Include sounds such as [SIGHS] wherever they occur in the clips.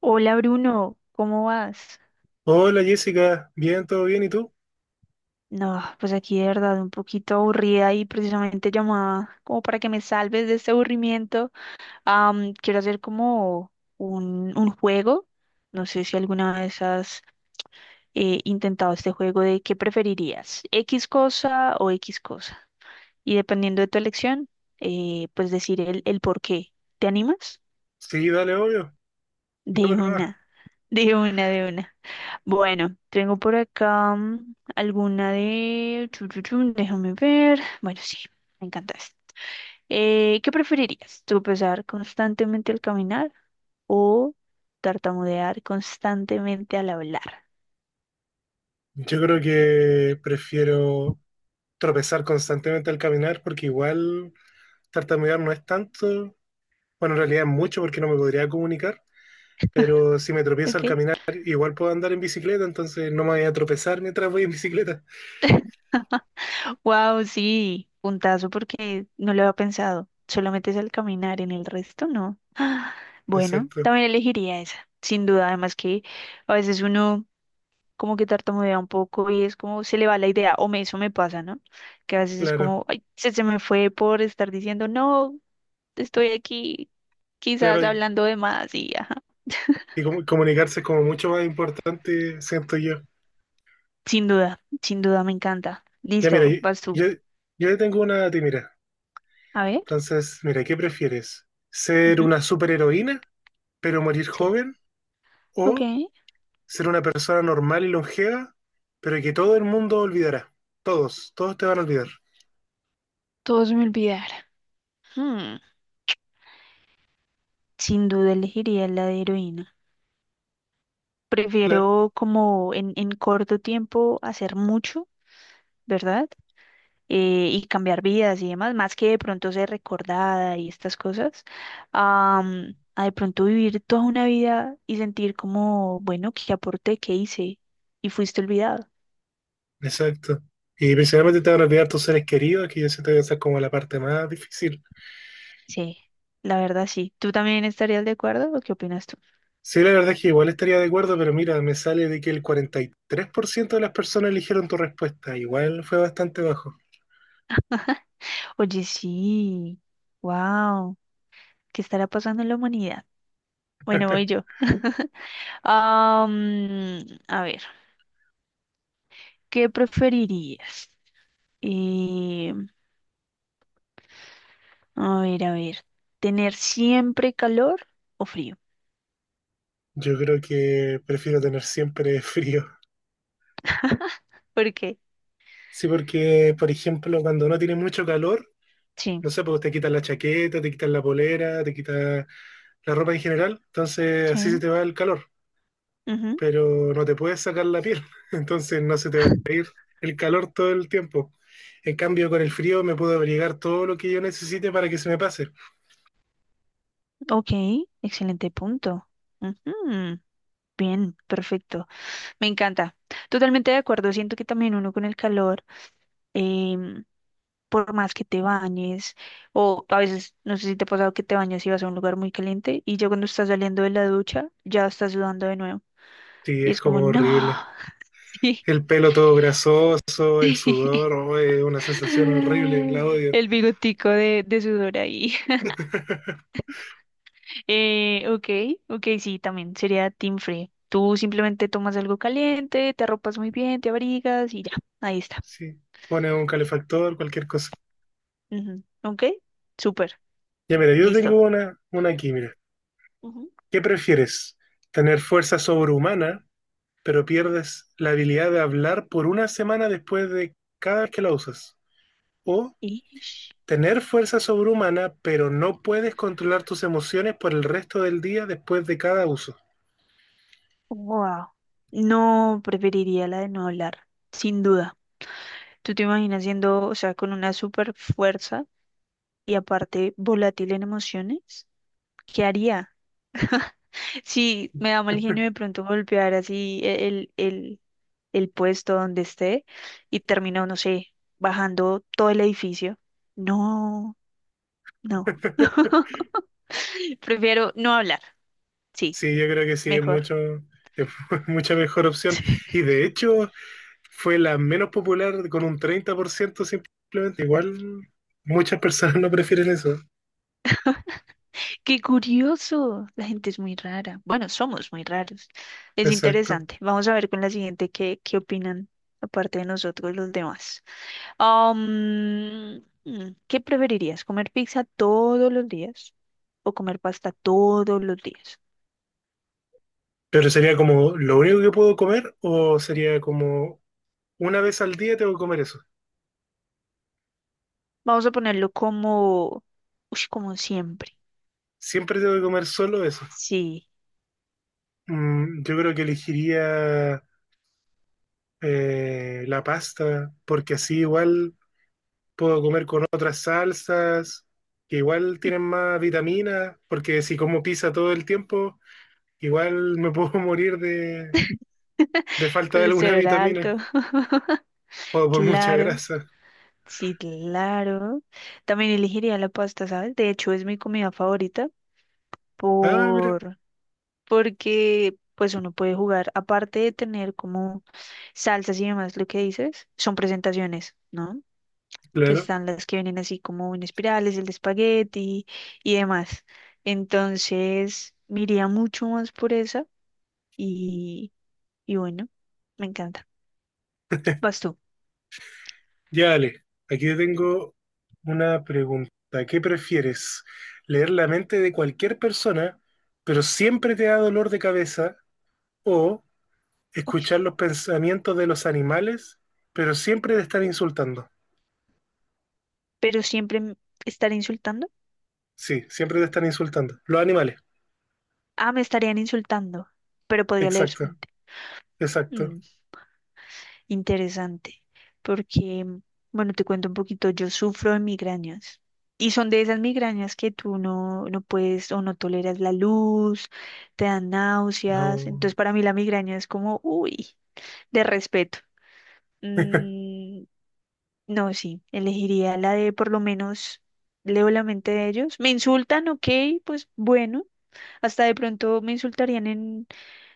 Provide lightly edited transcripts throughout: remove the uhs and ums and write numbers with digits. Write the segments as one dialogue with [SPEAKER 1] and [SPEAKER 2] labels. [SPEAKER 1] Hola Bruno, ¿cómo vas?
[SPEAKER 2] Hola Jessica, bien, todo bien, ¿y tú?
[SPEAKER 1] No, pues aquí de verdad un poquito aburrida y precisamente llamada como para que me salves de este aburrimiento. Quiero hacer como un juego. No sé si alguna vez has intentado este juego de qué preferirías, X cosa o X cosa. Y dependiendo de tu elección, pues decir el por qué. ¿Te animas?
[SPEAKER 2] Sí, dale, obvio, dale
[SPEAKER 1] De
[SPEAKER 2] problema.
[SPEAKER 1] una, de una. Bueno, tengo por acá alguna de... chu, chu, chu, déjame ver. Bueno, sí, me encanta esta. ¿Qué preferirías? ¿Tropezar constantemente al caminar o tartamudear constantemente al hablar?
[SPEAKER 2] Yo creo que prefiero tropezar constantemente al caminar porque igual tartamudear no es tanto, bueno, en realidad es mucho porque no me podría comunicar, pero si me tropiezo al
[SPEAKER 1] ¿Ok?
[SPEAKER 2] caminar igual puedo andar en bicicleta, entonces no me voy a tropezar mientras voy en bicicleta.
[SPEAKER 1] [LAUGHS] Wow, sí, puntazo porque no lo había pensado. Solamente es al caminar, en el resto no.
[SPEAKER 2] [LAUGHS]
[SPEAKER 1] Bueno,
[SPEAKER 2] Exacto,
[SPEAKER 1] también elegiría esa, sin duda. Además que a veces uno como que tartamudea un poco y es como se le va la idea, o me, eso me pasa, ¿no? Que a veces es
[SPEAKER 2] claro,
[SPEAKER 1] como, ay, se me fue por estar diciendo, no, estoy aquí quizás
[SPEAKER 2] claro, y,
[SPEAKER 1] hablando de más y ajá.
[SPEAKER 2] y comunicarse es como mucho más importante, siento yo.
[SPEAKER 1] Sin duda, sin duda me encanta.
[SPEAKER 2] Ya mira,
[SPEAKER 1] Listo, vas tú.
[SPEAKER 2] yo, yo tengo una a ti, mira.
[SPEAKER 1] A ver.
[SPEAKER 2] Entonces, mira, ¿qué prefieres? ¿Ser
[SPEAKER 1] Ujú,
[SPEAKER 2] una superheroína, pero morir
[SPEAKER 1] sí.
[SPEAKER 2] joven?
[SPEAKER 1] Ok.
[SPEAKER 2] ¿O ser una persona normal y longeva, pero que todo el mundo olvidará? Todos, todos te van a olvidar.
[SPEAKER 1] Todo se me olvidar. Hmm, sin duda elegiría la de heroína.
[SPEAKER 2] Claro,
[SPEAKER 1] Prefiero como en corto tiempo hacer mucho, ¿verdad? Y cambiar vidas y demás, más que de pronto ser recordada y estas cosas, a de pronto vivir toda una vida y sentir como, bueno, qué aporté qué hice y fuiste olvidado.
[SPEAKER 2] exacto. Y principalmente te van a olvidar tus seres queridos, que yo siento que esa es como la parte más difícil.
[SPEAKER 1] Sí, la verdad sí. ¿Tú también estarías de acuerdo o qué opinas tú?
[SPEAKER 2] Sí, la verdad es que igual estaría de acuerdo, pero mira, me sale de que el 43% de las personas eligieron tu respuesta. Igual fue bastante bajo.
[SPEAKER 1] Oye, sí, wow, ¿qué estará pasando en la humanidad? Bueno, voy yo. A ver, ¿qué preferirías? Eh, a ver, ¿tener siempre calor o frío?
[SPEAKER 2] Yo creo que prefiero tener siempre [LAUGHS] frío.
[SPEAKER 1] Porque,
[SPEAKER 2] Sí, porque, por ejemplo, cuando no tiene mucho calor,
[SPEAKER 1] sí,
[SPEAKER 2] no sé, pues te quitan la chaqueta, te quitan la polera, te quitan la ropa en general, entonces así se
[SPEAKER 1] sí.
[SPEAKER 2] te va el calor,
[SPEAKER 1] Ujú.
[SPEAKER 2] pero no te puedes sacar la piel, [LAUGHS] entonces no se te va el calor todo el tiempo. En cambio, con el frío me puedo abrigar todo lo que yo necesite para que se me pase.
[SPEAKER 1] Ok, excelente punto. Ujú, bien, perfecto. Me encanta. Totalmente de acuerdo. Siento que también uno con el calor, em, por más que te bañes, o a veces, no sé si te ha pasado que te bañas y vas a un lugar muy caliente y ya cuando estás saliendo de la ducha, ya estás sudando de nuevo.
[SPEAKER 2] Sí,
[SPEAKER 1] Y
[SPEAKER 2] es
[SPEAKER 1] es como,
[SPEAKER 2] como
[SPEAKER 1] no, [LAUGHS]
[SPEAKER 2] horrible.
[SPEAKER 1] sí.
[SPEAKER 2] El pelo todo grasoso, el
[SPEAKER 1] Sí.
[SPEAKER 2] sudor, oh, es una sensación horrible, la
[SPEAKER 1] [LAUGHS]
[SPEAKER 2] odio.
[SPEAKER 1] El bigotico de sudor ahí.
[SPEAKER 2] [LAUGHS]
[SPEAKER 1] Ok, ok, sí, también sería team free. Tú simplemente tomas algo caliente, te arropas muy bien, te abrigas y ya, ahí está.
[SPEAKER 2] Sí, pone un calefactor, cualquier cosa.
[SPEAKER 1] Ujú, ok, súper,
[SPEAKER 2] Ya mira, yo
[SPEAKER 1] listo.
[SPEAKER 2] tengo una aquí, mira.
[SPEAKER 1] Ujú.
[SPEAKER 2] ¿Qué prefieres? ¿Tener fuerza sobrehumana, pero pierdes la habilidad de hablar por una semana después de cada vez que la usas? ¿O
[SPEAKER 1] Ish,
[SPEAKER 2] tener fuerza sobrehumana, pero no puedes controlar tus emociones por el resto del día después de cada uso?
[SPEAKER 1] wow. No, preferiría la de no hablar, sin duda. ¿Tú te imaginas siendo, o sea, con una super fuerza y aparte volátil en emociones? ¿Qué haría? [LAUGHS] Si me da mal genio de pronto golpear así el puesto donde esté y termino, no sé, bajando todo el edificio. No, no. [LAUGHS] Prefiero no hablar. Sí,
[SPEAKER 2] Sí, yo creo que sí, es
[SPEAKER 1] mejor.
[SPEAKER 2] mucho, es [LAUGHS] mucha mejor opción.
[SPEAKER 1] [LAUGHS]
[SPEAKER 2] Y de hecho, fue la menos popular con un 30% simplemente. Igual muchas personas no prefieren eso.
[SPEAKER 1] Qué curioso. La gente es muy rara. Bueno, somos muy raros. Es
[SPEAKER 2] Exacto.
[SPEAKER 1] interesante. Vamos a ver con la siguiente qué opinan aparte de nosotros los demás. Am, ¿Qué preferirías? ¿Comer pizza todos los días o comer pasta todos los días?
[SPEAKER 2] Pero sería como lo único que puedo comer o sería como una vez al día tengo que comer eso.
[SPEAKER 1] Vamos a ponerlo como, ush, como siempre.
[SPEAKER 2] Siempre tengo que comer solo eso.
[SPEAKER 1] Sí.
[SPEAKER 2] Mm, yo creo que elegiría la pasta porque así igual puedo comer con otras salsas que igual tienen más vitaminas porque si como pizza todo el tiempo igual me puedo [LAUGHS] morir
[SPEAKER 1] [LAUGHS]
[SPEAKER 2] de falta de alguna
[SPEAKER 1] Colesterol
[SPEAKER 2] vitamina
[SPEAKER 1] alto. [LAUGHS]
[SPEAKER 2] o por mucha
[SPEAKER 1] Claro,
[SPEAKER 2] grasa.
[SPEAKER 1] sí, claro. También elegiría la pasta, ¿sabes? De hecho, es mi comida favorita
[SPEAKER 2] Ah, mira,
[SPEAKER 1] por porque pues uno puede jugar aparte de tener como salsas y demás, lo que dices, son presentaciones, ¿no? Que
[SPEAKER 2] claro.
[SPEAKER 1] están las que vienen así como en espirales, el de espagueti y demás. Entonces, me iría mucho más por esa y, y bueno, me encanta. Vas tú.
[SPEAKER 2] Ya, Ale, aquí te tengo una pregunta. ¿Qué prefieres? ¿Leer la mente de cualquier persona, pero siempre te da dolor de cabeza? ¿O escuchar
[SPEAKER 1] Uy,
[SPEAKER 2] los pensamientos de los animales, pero siempre te están insultando?
[SPEAKER 1] pero siempre m- estaré insultando.
[SPEAKER 2] Sí, siempre te están insultando. Los animales,
[SPEAKER 1] Ah, me estarían insultando, pero podría leer su
[SPEAKER 2] exacto,
[SPEAKER 1] mente.
[SPEAKER 2] exacto.
[SPEAKER 1] Mm. Interesante, porque, bueno, te cuento un poquito, yo sufro de migrañas y son de esas migrañas que tú no, no puedes o no toleras la luz, te dan náuseas,
[SPEAKER 2] No,
[SPEAKER 1] entonces para mí la migraña es como, uy, de respeto. Mm, no, sí, elegiría la de por lo menos leo la mente de ellos. Me insultan, ok, pues bueno, hasta de pronto me insultarían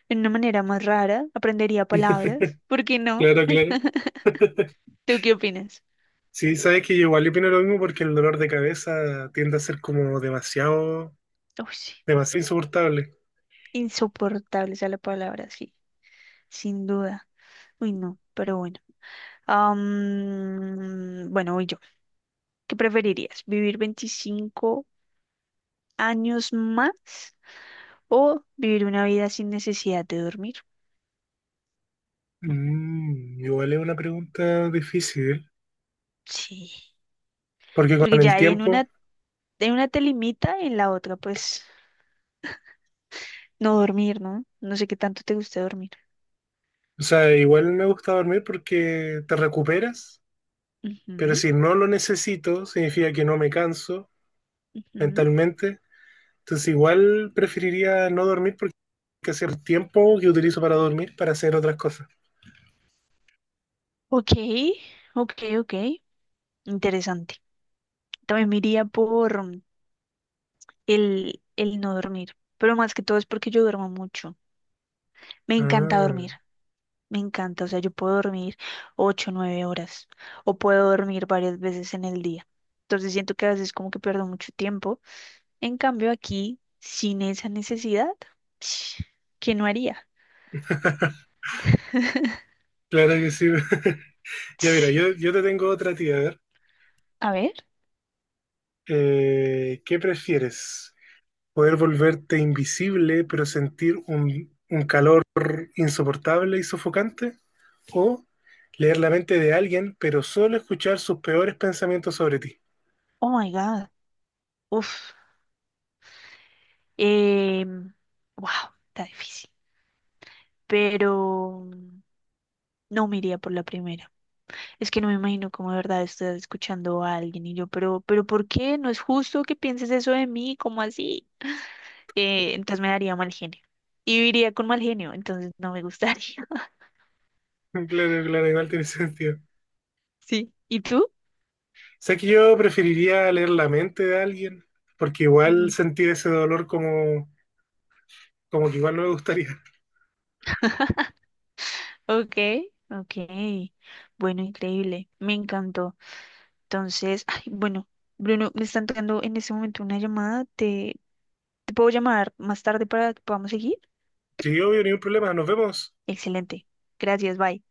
[SPEAKER 1] en una manera más rara, aprendería palabras, ¿por qué no?
[SPEAKER 2] claro, claro.
[SPEAKER 1] ¿Tú qué opinas?
[SPEAKER 2] Sí, sabes que yo igual opino lo mismo porque el dolor de cabeza tiende a ser como demasiado,
[SPEAKER 1] Uy, sí.
[SPEAKER 2] demasiado insoportable.
[SPEAKER 1] Insoportable, esa es la palabra, sí, sin duda. Uy, no, pero bueno. Bueno, voy yo. ¿Qué preferirías? ¿Vivir 25 años más o vivir una vida sin necesidad de dormir?
[SPEAKER 2] Mm, igual es una pregunta difícil.
[SPEAKER 1] Sí,
[SPEAKER 2] Porque
[SPEAKER 1] porque
[SPEAKER 2] con el
[SPEAKER 1] ya hay
[SPEAKER 2] tiempo,
[SPEAKER 1] en una te limita, en la otra, pues no dormir, ¿no? No sé qué tanto te gusta dormir.
[SPEAKER 2] o sea, igual me gusta dormir porque te recuperas, pero
[SPEAKER 1] Ujú,
[SPEAKER 2] si no lo necesito, significa que no me canso
[SPEAKER 1] ujú.
[SPEAKER 2] mentalmente. Entonces igual preferiría no dormir porque es el tiempo que utilizo para dormir para hacer otras cosas.
[SPEAKER 1] Ok, ok, ok. Interesante. También me iría por, el no dormir, pero más que todo es porque yo duermo mucho. Me encanta
[SPEAKER 2] Ah,
[SPEAKER 1] dormir, me encanta, o sea, yo puedo dormir 8, 9 horas o puedo dormir varias veces en el día. Entonces siento que a veces como que pierdo mucho tiempo. En cambio aquí, sin esa necesidad, [SNIFFS] ¿qué no haría?
[SPEAKER 2] claro que sí. [LAUGHS] Ya mira, yo,
[SPEAKER 1] [SIGHS] [SNIFFS]
[SPEAKER 2] yo te tengo otra tía, a ver.
[SPEAKER 1] A ver,
[SPEAKER 2] ¿Qué prefieres? Poder volverte invisible, pero sentir un calor insoportable y sofocante, o leer la mente de alguien, pero solo escuchar sus peores pensamientos sobre ti. [LAUGHS]
[SPEAKER 1] oh my God, uf, eh, wow, está difícil, pero no me iría por la primera. Es que no me imagino cómo de verdad estás escuchando a alguien y yo, pero ¿por qué? No es justo que pienses eso de mí, ¿cómo así? Entonces me daría mal genio. Y viviría con mal genio, entonces no me gustaría. [LAUGHS]
[SPEAKER 2] Claro, claro, igual tiene sentido.
[SPEAKER 1] Sí. ¿Y tú?
[SPEAKER 2] Sé que yo preferiría leer la mente de alguien, porque igual
[SPEAKER 1] Ujú.
[SPEAKER 2] sentir ese dolor como, como que igual no me gustaría. [LAUGHS]
[SPEAKER 1] Ok, ok. Bueno, increíble. Me encantó. Entonces, ay, bueno, Bruno, me están tocando en este momento una llamada. ¿Te, te puedo llamar más tarde para que podamos seguir?
[SPEAKER 2] Sí, obvio, ningún problema, nos vemos.
[SPEAKER 1] Excelente. Gracias, bye.